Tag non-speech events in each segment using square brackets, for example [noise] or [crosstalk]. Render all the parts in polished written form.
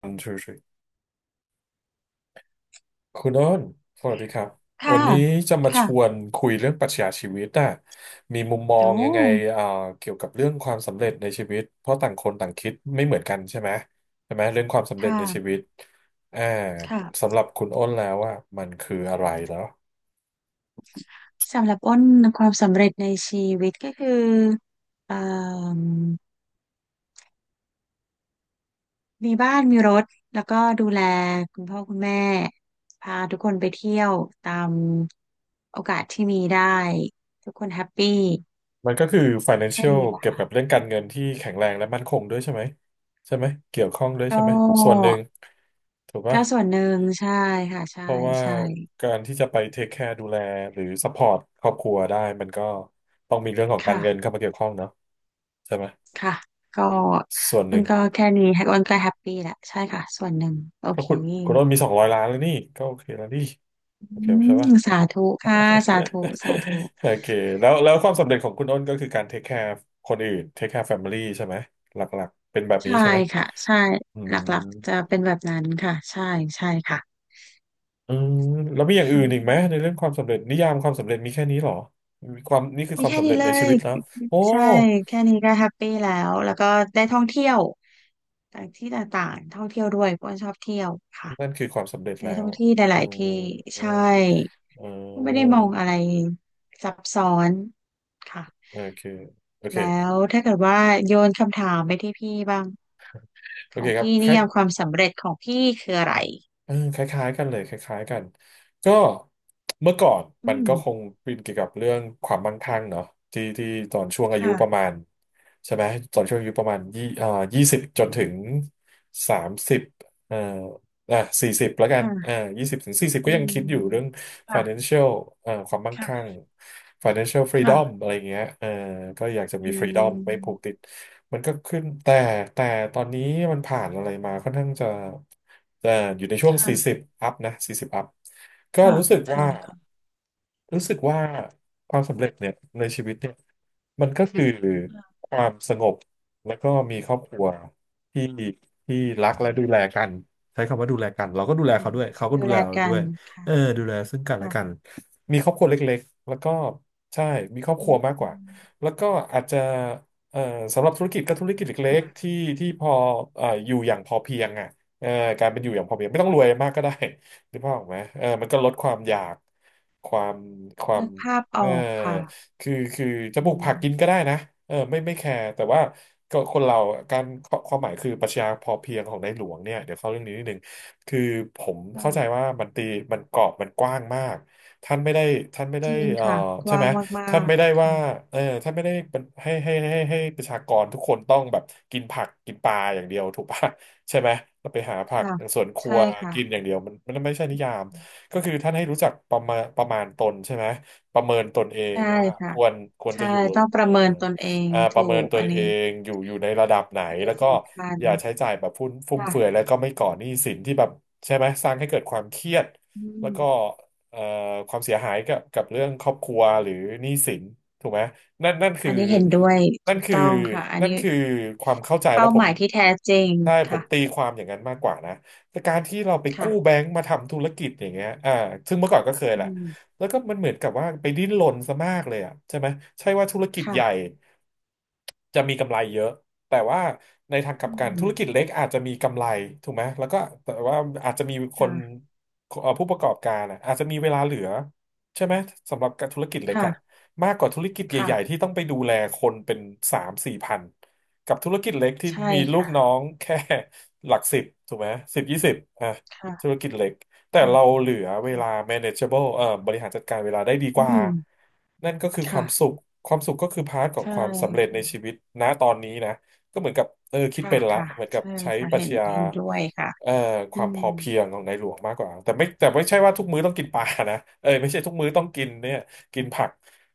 one two three คุณโอ้นสวัสดีครับค่ะวันนี้จะมาชวค่ะนคุยเรื่องปรัชญาชีวิตอะมีมุมมอโอ้งยังไงเอ่อเกี่ยวกับเรื่องความสำเร็จในชีวิตเพราะต่างคนต่างคิดไม่เหมือนกันใช่ไหมใช่ไหมเรื่องความสำเร็จในชีค่ะวิตอ่าค่ะ สำหรับคุณโอ้นแล้วว่ามันคืออะไรแล้วสำหรับอ้นความสำเร็จในชีวิตก็คือเอ่มมีบ้านมีรถแล้วก็ดูแลคุณพ่อคุณแม่พาทุกคนไปเที่ยวตามโอกาสที่มีได้ทุกคนแฮปปี้มันก็คือ แค่ financial นี้นะเกี่ยวคะกับเรื่องการเงินที่แข็งแรงและมั่นคงด้วยใช่ไหมใช่ไหมเกี่ยวข้องด้วยก็ใช่ไหมส่วนหนึ่งถูกปะ ก็ส่วนหนึ่งใช่ค่ะใช่เพราะว่าใช่การที่จะไปเทคแคร์ดูแลหรือซัพพอร์ตครอบครัวได้มันก็ต้องมีเรื่องของการค่ะเงินเข้ามาเกี่ยวข้องเนาะใช่ไหมค่ะก็ส่วนหมันึ่นงก็แค่นี้อ้นก็แฮปปี้แหละใช่ค่ะส่วนหนึ่งโอก็เค คุณต้นมีสองร้อยล้านแล้วนี่ก็โอเคแล้วนี่อืโอเคใช่มปะ สาธุค่ะสาธุสาธุ [laughs] โอเคแล้วความสำเร็จของคุณอ้นก็คือการเทคแคร์คนอื่นเทคแคร์แฟมิลี่ใช่ไหมหลักๆเป็นแบบนี้ใช่ใช่ไหมค่ะใช่อืหลมักๆจะเป็นแบบนั้นค่ะใช่ใช่ค่ะอืมแล้วมีอย่างอื่อืนอีกไหมในมเรื่องความสำเร็จนิยามความสำเร็จมีแค่นี้เหรอมีความนี่คือมีความแค่สำนี้เร็จเลในชียวิตแล้วโอ้ ใช่แค่นี้ก็แฮปปี้แล้วแล้วก็ได้ท่องเที่ยวต่างที่ต่างๆท่องเที่ยวด้วยเพราะว่าชอบเที่ยวค่ะนั่นคือความสำเร็จได้แล้ท่วองที่หเอลาอยๆที่เออใช่เออไม่ได้มองอะไรซับซ้อนค่ะโอเคโอเคแล้วถ้าเกิดว่าโยนคำถามไปที่พี่บ้างโอขอเคงครับพี่คนิล้าย ยามความสำเร็จของพี่คืออะไร เออคล้ายๆกันเลยคล้ายๆกันก็เมื่อก่อนอืมันมก็คงเป็นเกี่ยวกับเรื่องความมั่งคั่งเนาะที่ตอนช่วงอายุประค่ะมาณใช่ไหมตอนช่วงอายุประมาณยี่อ่ายี่สิบจนถึงสามสิบเอ่ออ่ะสี่สิบแล้วกันอ่าค่ะยี่สิบถึงสี่สิบอืก็ยังมคิดอยู่เรื่อง ค่ะ financial ความมั่งคั่ง ค่ะ financial freedom ค่ะอะไรอย่างเงี้ยเออก็อยากจะมี อื freedom ไม่ผูกมติด มันก็ขึ้นแต่ตอนนี้มันผ่านอะไรมาค่อนข้างจะอยู่ในช่วง ค่ะ40 อัพนะ 40 อัพก็ค่ะรู้สึกว่าค่ะค่ะรู้สึกว่าความสำเร็จเนี่ยในชีวิตเนี่ย มันก็คือค่ะความสงบแล้วก็มีครอบครัวที่ที่รักอืและดูแลมกันใช้คำว่าดูแลกันเราก็ดูแลอืเขามด้วยเขาก็ดูดูแลแลเรากัด้วนยค่ะเออดูแลซึ่งกันและค่ะกันมีครอบครัวเล็กๆแล้วก็ใช่มีครอบคอืรัวมมากกอืว่ามแล้วก็อาจจะเอ่อสำหรับธุรกิจก็ธุรกิจเล็กๆค่ะที่พออยู่อย่างพอเพียงอ่ะเอ่อการเป็นอยู่อย่างพอเพียงไม่ต้องรวยมากก็ได้หรือเปล่าพออกไหมเออมันก็ลดความอยากความความนึกภาพอเออ อกค่ะคือจะอืปลูกมผักกินก็ได้นะเออไม่แคร์แต่ว่าก็คนเราการความหมายคือปรัชญาพอเพียงของในหลวงเนี่ยเดี๋ยวเข้าเรื่องนี้นิดนึงคือผมค่ะเข้าใจว่ามันตีมันกรอบมันกว้างมากท่านไม่ได้ท่านไม่จได้ริงค่ะกใช่ว้าไหมงมาท่านกไม่ได้ๆว่าค่ะเออท่านไม่ได้เป็นให้ประชากรทุกคนต้องแบบกินผักกินปลาอย่างเดียวถูกปะ [laughs] ใช่ไหมเราไปหาผักค่ะสวนครัใช่วค่ะกินอย่างเดียวมันไม่ใช่นิยามก็คือท่านให้รู้จักประมาณตนใช่ไหม ประเมินตนเองใช่ว่าคค่ะวรควรจะใช่อยู่ต้องปเอ่ระอเมินตนเอง อ่าปถูระเมินกตอันนเอนี้งอยู่อยู่ในระดับไหนอันนี้แล้วก็สำคัญอย่าใช้จ่ายแบบฟุ่มค่ะเฟือยแล้วก็ไม่ก่อหนี้สินที่แบบใช่ไหมสร้างให้เกิดความเครียดอืแล้วก็ม เอ่อความเสียหายกับเรื่องครอบครัวหรือหนี้สินถูกไหมนั่นนั่นอัคือนนี้เห็นด้วยนั่ถูนกคือต้องค่ะอันนั่นนี้คือความเข้าใจแล้เป้าวผหมมายที่แท้จริงใช่ผมค่ะตีความอย่างนั้นมากกว่านะแต่การที่เราไปกู้แบค่ะงก์มาทำธุรกิจอย่างเงี้ยอ่าซึ่งเมื่อก่อนก็เคยแหอืละ มแล้วก็มันเหมือนกับว่าไปดิ้นรนซะมากเลยอ่ะใช่ไหมใช่ว่าธุรกิจใหญ่ค่ะจะมีกำไรเยอะแต่ว่าในทางกลัอืบกันธุรกิจมเล็กอาจจะมีกำไรถูกไหมแล้วก็แต่ว่าอาจจะมีคนค่ะผู้ประกอบการอะอาจจะมีเวลาเหลือใช่ไหมสำหรับธุรกิจเล็กอะค่ะมากกว่าธุรกิจค่ะใหญ่ๆที่ต้องไปดูแลคนเป็นสามสี่พันกับธุรกิจเล็กที่ใช่มีลูกค่ะน้องแค่หลักสิบถูกไหมสิบยี่สิบอ่ะธุรค่ะกิจเล็ก แต่ค่ะเราเหลือเวลา ค่ะ manageable บริหารจัดการเวลาได้ดีกอืว่า มนั่นก็คือความสุค่ะขความสุขก็คือพาร์ทขอใชงความสำเร็จใน่ชีวิตณตอนนี้นะ ก็เหมือนกับคิดค่ะเป็นละค่ะเหมือนกับใช่ใช้ค่ะปรัเห็ชนญาเห็นด้วยค่ะเอ่อคอืวามพมอเพียงของในหลวงมากกว่าแต่ไม่ใช่ว่าทุกมื้อต้องกินปลานะไม่ใช่ทุกมื้อต้องกินเนี่ยกินผัก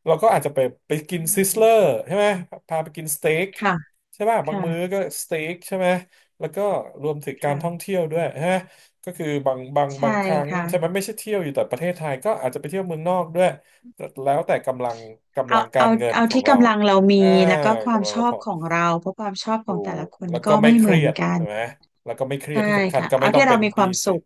เราก็อาจจะไปกิอืนซิสมเลอร์ใช่ไหมพาไปกินสเต็กค่ะใช่ป่ะคบางมื้อก็่ะสเต็กใช่ไหมแล้วก็รวมถึงการท่องค่ะเที่ยวด้วยใช่ไหม ก็คือบางบางใช่บางครั้งค่ะใช่ไหมไม่ใช่เที่ยวอยู่แต่ประเทศไทยก็อาจจะไปเที่ยวเมืองนอกด้วยแล้วแต่กำลังเอากาเอารเงินเอาของที่เรากำลังเรามีอ่าแล้วก็ความกำลังชเราอพบอ ของเราเพราะความชอบขถูองแต่กละคนแล้วก็ก็ไม่ไม่เคเหมืรีอนยดกันใช่ไหมแล้วก็ไม่เครียดใช่ที่สำคัญค่ะก็ไม่เอาต้องที่เป็เรานมีหคนี้วามสุสินข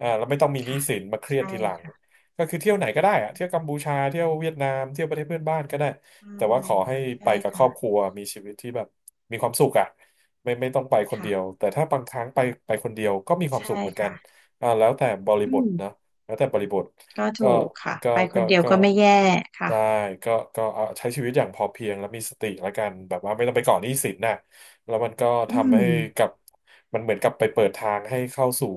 แล้วไม่ต้องมีหนี้ค่ะสินมาเครียดใช่ทีหลังค่ะก็คือเที่ยวไหนก็ได้อะเที่ยวกัมพูชาเที่ยวเวียดนามเที่ยวประเทศเพื่อนบ้านก็ได้ อืแต่มว่าขอให้ใช่ไปใช่กับครอบคค่ะรัวมีชีวิตที่แบบมีความสุขอ่ะไม่ต้องไปคนเดียว ค่ะแต่ถ้าบางครั้งไปคนเดียวก็มีความใช่สุขเหมือนกันค่ะแล้วแต่บริอืบทมนะแล้วแต่บริบทก็ก็ถูกค่ะไปคนเดียวก็ก็ไม่แย่ค่ะได้ก็เอาใช้ชีวิตอย่างพอเพียงแล้วมีสติแล้วกันแบบว่าไม่ต้องไปก่อหนี้สินน่ะ แล้วมันก็อืทำให้กัมบมันเหมือนกับไปเปิดทางให้เข้าสู่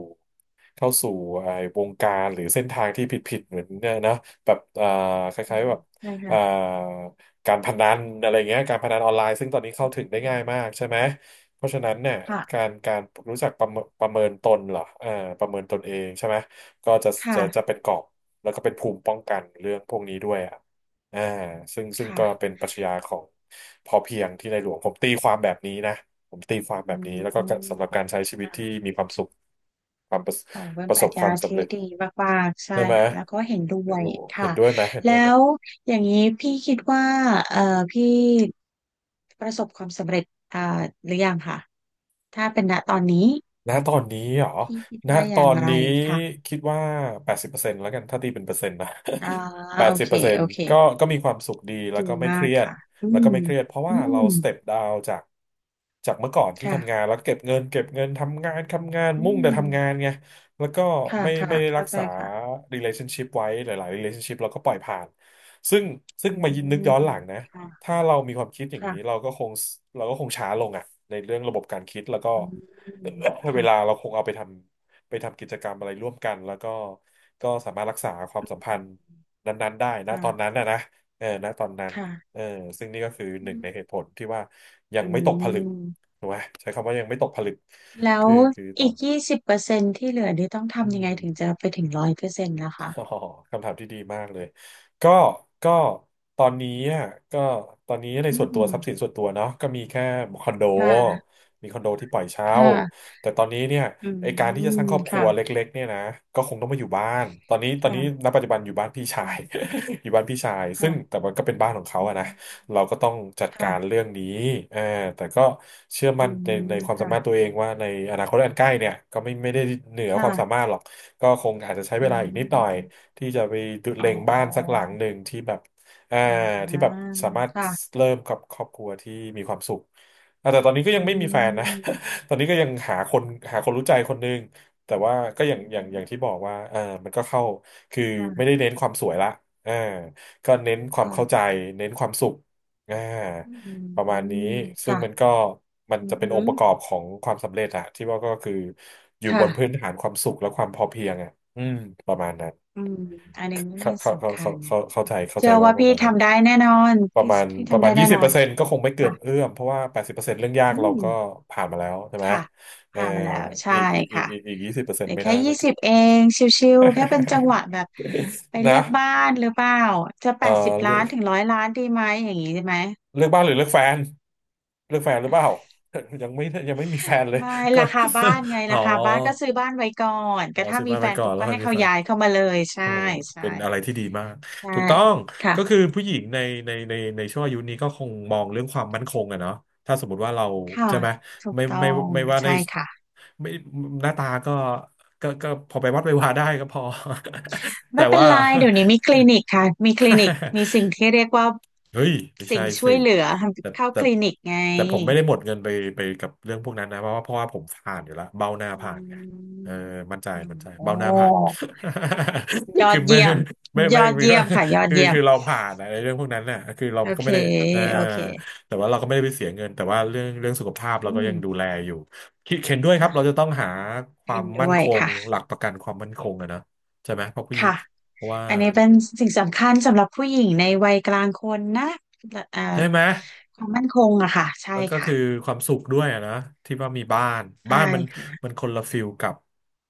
เข้าสู่ไอ้วงการหรือเส้นทางที่ผิดๆเหมือนเนี่ยนะแบบคอืล้ายมๆแบบใช่อ่าค่ะการพนันอะไรเงี้ยการพนันออนไลน์ซึ่งตอนนี้เข้าถึงได้อืง่ายมากมใช่ไหมเพราะฉะนั้นเนี่ยค่ะการรู้จักประเมินตนเหรอเอ่าประเมินตนเองใช่ไหมก็จะจะค่ะเป็นกรอบแล้วก็เป็นภูมิป้องกันเรื่องพวกนี้ด้วยอะ อ่าซึ่งก็ค่ะเป็นปรัชญาของพอเพียงที่ในหลวงผมตีความแบบนี้นะผมตีความแบอืบนี้แล้วก็สำมหรับการใช้ชีวิตอ่ะที่มีความสุขความประโอ้เป็ปนระปสรับชคญาวามสำที่เร็จดีมากๆใช่ได้ไหมค่ะแล้วก็เห็นด้ไม่วยรู้เห็ค่ะนด้วยไหมเห็นแล้ด้วยไหม วอย่างนี้พี่คิดว่าเอ่อพี่ประสบความสำเร็จอ่าหรือยังค่ะถ้าเป็นณตอนนี้ณตอนนี้เหรอพี่คิดณว่าอตอย่างนไรนี้ค่ะ คิดว่าแปดสิบเปอร์เซ็นต์แล้วกันถ้าตีเป็นเปอร์เซ็นต์นะ อ่า [laughs] แปดโอสิบเคเปอร์เซ็นโอต์เคก็มีความสุขดีแล้ดีวก็ไม่เคมากรียดค่ะอืแล้วก็มไม่เครียดเพราะอืว่าเรามสเต็ปดาวจากเมื่อก่อนที่ค่ะทำงานแล้วเก็บเงินเก็บเงินทำงานทำงานอืมุ่งแต่มทำงานไงแล้วก็ค่ะไม่ค่ะไม่ได้รัเข้ากใจษา ค่ะ relationship ไว้หลายๆ relationship เราก็ปล่อยผ่านซึ่งซึ่งอืมายินนึกย้อนหมลังนะค่ะถ้าเรามีความคิดอย่างนี้ค่ะเราก็คงช้าลงอะในเรื่องระบบการคิดแล้วก็ อืม [laughs] [coughs] เวค่ะลาเราคงเอาไปทำกิจกรรมอะไรร่วมกันแล้วก็ก็สามารถรักษาความสัมพันธ์นั้นๆได้นะตอนนั้ค่ะนนะนะนะตอนนั้นเอค่ะอซึ่งนี่ก็คือหนึ่งในเหตุผลที่ว่ายังอืไม่ตกผลึกมถูกไหมใช้คำว่ายังไม่ตกผลึกแล้วคือคือตออีนก20%ที่เหลือนี่ต้องอืทำยังไงม ถึงจะไปถึงร้อยเปอร์เซ็นต์นะคะ [laughs] อ๋อคำถามที่ดีมากเลยก็ก็ตอนนี้อ่ะก็ตอนนี้ในอืส่วนตัวทรัพย์สินมส่วนตัวเนาะก็มีแค่คอนโดค่ะมีคอนโดที่ปล่อยเช่าค่ะแต่ตอนนี้เนี่ยอืไอการที่จะสร้างมครอบครัวค่ะเล็กๆเนี่ยนะก็คงต้องมาอยู่บ้านตอนนี้ณค่ะปัจจุบันอยู่บ้านพี่ชาย ค่ะ [laughs] อยู่บ้านพี่ชายซึ่งแต่ค่ะมันก็เป็นบ้านของเขาอือะนะ มเราก็ต้องจัดการค่ะเรื่องนี้อ่าแต่ก็เชื่ออืมั่นในมความสามารถค่ะตัวเองว่าในอนาคตอันใกล้เนี่ยก็ไม่ได้เหนือความสาค่ะมารถหรอก ก็คงอาจจะใช้เวอืลาอีกนิดหน่อยม ที่จะไปดูอ๋อเล็งบ้านสักหลังหนึ่งที่แบบอ่าอ่ที่แบาบสามารถค่ะเริ่มกับครอบครัวที่มีความสุขอ่ะแต่ตอนนี้ก็ยัอืงไม่มีแฟนนะ ม [laughs] ตอนนี้ก็ยังหาคนรู้ใจคนหนึงแต่ว่าก็อือย่างที่มบอกว่ามันก็เข้าคือไม่ค่ะได้เน้นความสวยละเออก็เน้นความเข้าใจค่ะเน้นความสุข อ่าอืประมาณนี้มซึ่งมันค่ะก็มันอืจะเป็นองค์ปมระกอบของความสำเร็จอะที่ว่าก็คืออยู่บนพื้ค่ะนฐานความสุขและความพอเพียงอะอืมประมาณนั้นอืมอันนี้เข้าเขาเขาสำคัเขาญเขาเข้าใจเข้าเชื่ใจอว่าว่าประพี่มาณนั้นทำได้แน่นอนประพี่มาณพี่ประทำมาได้ณแน่ยี่สินบอเปอนร์เซ็นต์ก็คงไม่เกิค่ะนเอื้อมเพราะว่าแปดสิบเปอร์เซ็นต์เรื่องยากอืเรามก็ผ่านมาแล้วใช่ไหมค่ะเออผ่านมาแล้ว ใช่ค่ะอีกยี่สิบเปอร์เซ็เหนลืต์อไม่แค่น่ายี่จะเกิสิด บเอง ชิวๆ แค่เป็นจังหวะแบบไป [laughs] เลืนะอกบ้านหรือเปล่า จะเ80 ล้านออ ถึงร้อยล้านดีไหมอย่างนี้ใช่ไหม เลือกบ้านหรือเลือกแฟนเลือกแฟนหรือเปล่า [laughs] ยังไม่มีแฟนเลยไม่ก็ ราคาบ้านไง [laughs] อ๋อราคาบ้านก็ซื้อบ้านไว้ก่อนอ๋อก็ถ้าซื้อมีบ้านแฟไปนก่อปุ๊นบแล้วก็ค่อยให้มีเขาแฟนย้ายเข้ามาเลยใช่โอ้ใช่เป็นอะไรที่ดีมากใช่ถูกต้องค่ะก็คือผู้หญิงในในช่วงอายุนี้ก็คงมองเรื่องความมั่นคงอะเนาะถ้าสมมติว่าเราค่ะใช่ไหมถูกไม่ต้อไม่งไม่ว่าในใช่ค่ะไม่หน้าตาก็ก็พอไปวัดไปวาได้ก็พอ [laughs] แต่ไม่เป็นว่า ไรเดี๋ยวนี้มีคลินิกค่ะมีคลินิกมีสิ่ง [laughs] ที่เรียกว่าเฮ้ยไม่สิ่ใช่งช่สิวยเหลือแต่ทำเข้าแต่คลินิกไงแต่ผมไม่ได้หมดเงินไปไปกับเรื่องพวกนั้นนะเพราะว่าผมผ่านอยู่แล้วเบ้าหน้าอืผ่านไงเอมออืมมั่นใจโอ้เบ้าหน้าผ่าน ย [laughs] อคือดไม่เยี่ยมไม่ยไม่อดไม่เยี่ยมค่ะยอดคือเยี่ยมเราผ่านนะในเรื่องพวกนั้นน่ะคือเราโอก็เคไม่ได้เออโอเคแต่ว่าเราก็ไม่ได้ไปเสียเงินแต่ว่าเรื่องสุขภาพเราอืก็มยังดูแลอยู่คิดเห็นด้วยครับเราจะค่ะต้องหาควาเห็มนมั่ด้นวคยงค่ะ หลักประกันความมั่นคงอะนะใช่ไหมเพราะพี่ค่ะ เพราะว่าอันนี้เป็นสิ่งสำคัญสำหรับผู้หญิงในวัยกลางคนนะเอ่อใช่ไหม ความมั่นคงอะค่ะใช่แล้วก็ค่ะคือความสุขด้วยอะนะที่ว่ามีบ้านใช่บ้านมันมัค่ะนคนละฟิลกับ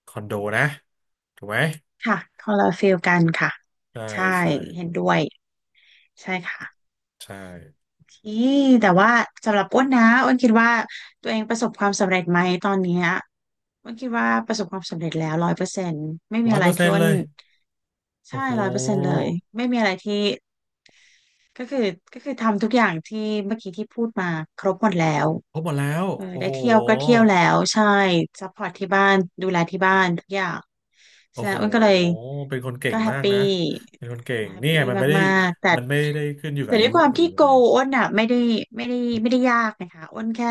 คอนโดนะถูกไหมค่ะคนละฟีลกันค่ะใช่ใช่ใช่เห็นด้วยใช่ค่ะใช่ที่แต่ว่าสำหรับอ้นนะอ้นคิดว่าตัวเองประสบความสำเร็จไหมตอนเนี้ยอ้นคิดว่าประสบความสำเร็จแล้วร้อยเปอร์เซ็นต์ไม่มีร้อยอะไรเปอร์เซ็ที่นต์อ้เลนยโอ้ใช่โหร้อยเปอร์เซ็นต์เลยไม่มีอะไรที่ ก็คือก็คือทำทุกอย่างที่เมื่อกี้ที่พูดมาครบหมดแล้วพบหมดแล้วเออโอ้ได้โหเที่ยวก็เที่ยวแล้วใช่ซัพพอร์ตที่บ้านดูแลที่บ้านทุกอย่างโอ้ฉะนั้โหนอ้วนก็เลยเป็นคนเก่ก็งแฮปมากปี้นะเป็นคนเก่งแฮปนี่ไงปี้มันไม่ได้มากๆแต่มันไม่ได้ขึ้นอยู่กัแต่บอาด้วยุยความหรืที่ออะโกไรอ้วนอ่ะไม่ได้ไม่ได้ไม่ได้ยากนะคะอ้วนแค่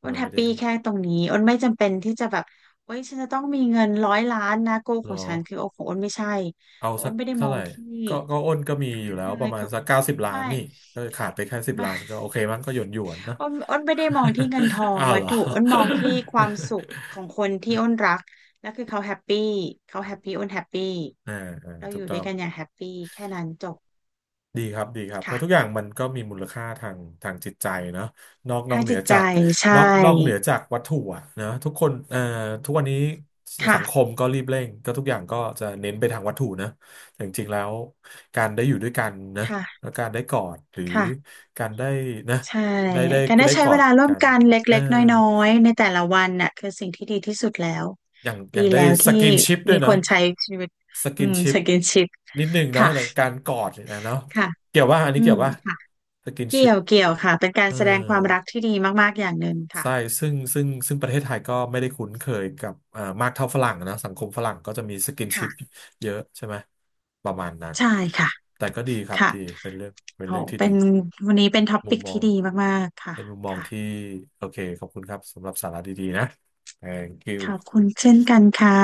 อ้วนมันแฮไม่ปได้ปี้แค่ตรงนี้อ้วนไม่จำเป็นที่จะแบบเฮ้ยฉันจะต้องมีเงินร้อยล้านนะโกหรของอ ฉันคือโอของอ้วนไม่ใช่เอาของสัอ้กวนไม่ได้มเท่าอไหงร่ที่ ก็อ้นก็มีอยู่แล้วปเลระยมาณคือสักเก้าสิบล้าไม่นนี่ก็ขาดไปแค่สิบไม่ ล้านก็โอ [laughs] เคมั้งก็หยวนหยวนเนอะ อ้นไม่ได้มองที่เงินทอ [laughs] งอ้าววัเหตรอ ถุอ้นมองที่ความสุขของคนที่อ้นรักแล้วคือเขาแฮปปี้เขาแฮปปี้อ้นแฮปปี้ [laughs] อ่าอ่าเราถูอกยู่ต้ด้อวยง กันอย่างแฮปปี้แค่นั้นจบดีครับดีครับเพค่ะราะทุกอย่างมันก็มีมูลค่าทางทางจิตใจเนาะนอทากงเหนืจิอตใจจากใช่นอกเหนือจากวัตถุอะนะทุกคนทุกวันนี้สัค่ะงคมก็รีบเร่งก็ทุกอย่างก็จะเน้นไปทางวัตถุนะแต่จริงๆแล้วการได้อยู่ด้วยกันนะค่ะแล้วการได้กอดหรือค่ะการได้นะใช่ได้ได้การได้ได้ใช้กอเวดลาร่วมกันกันเลเออ็กๆน้อยๆในแต่ละวันน่ะคือสิ่งที่ดีที่สุดแล้วอดีย่างได้แล้วสที่กินชิปด้วมียคเนาะนใช้ชีวิตสอืกินมชิสปกินชิปนิดหนึ่งเนาะค่ะในการกอดเนยนะเนาะค่ะเกี่ยวว่าอันนี้อืเกี่ยมวว่าค่ะ สกินเกี่ชิยป วเกี่ยวค่ะ เป็นกาเอรอแสดงความรักที่ดีมากๆ อย่างหนึ่งค่ะ ใช่ซึ่งประเทศไทยก็ไม่ได้คุ้นเคยกับมากเท่าฝรั่งนะสังคมฝรั่งก็จะมีสกินชิปค่ะ เยอะใช่ไหมประมาณนั้นใช่ค่ะแต่ก็ดีครับค่ะดีเป็นเรื่องเป็นโอ้เรื่องที่เป็นดีวันนี้เป็นท็อมุปิมกมอที่งดีมากๆ ค่ะเป็นมุมมองค่ะที่โอเคขอบคุณครับสำหรับสาระดีๆนะ Thank ขอบคุณ you เช่นกันค่ะ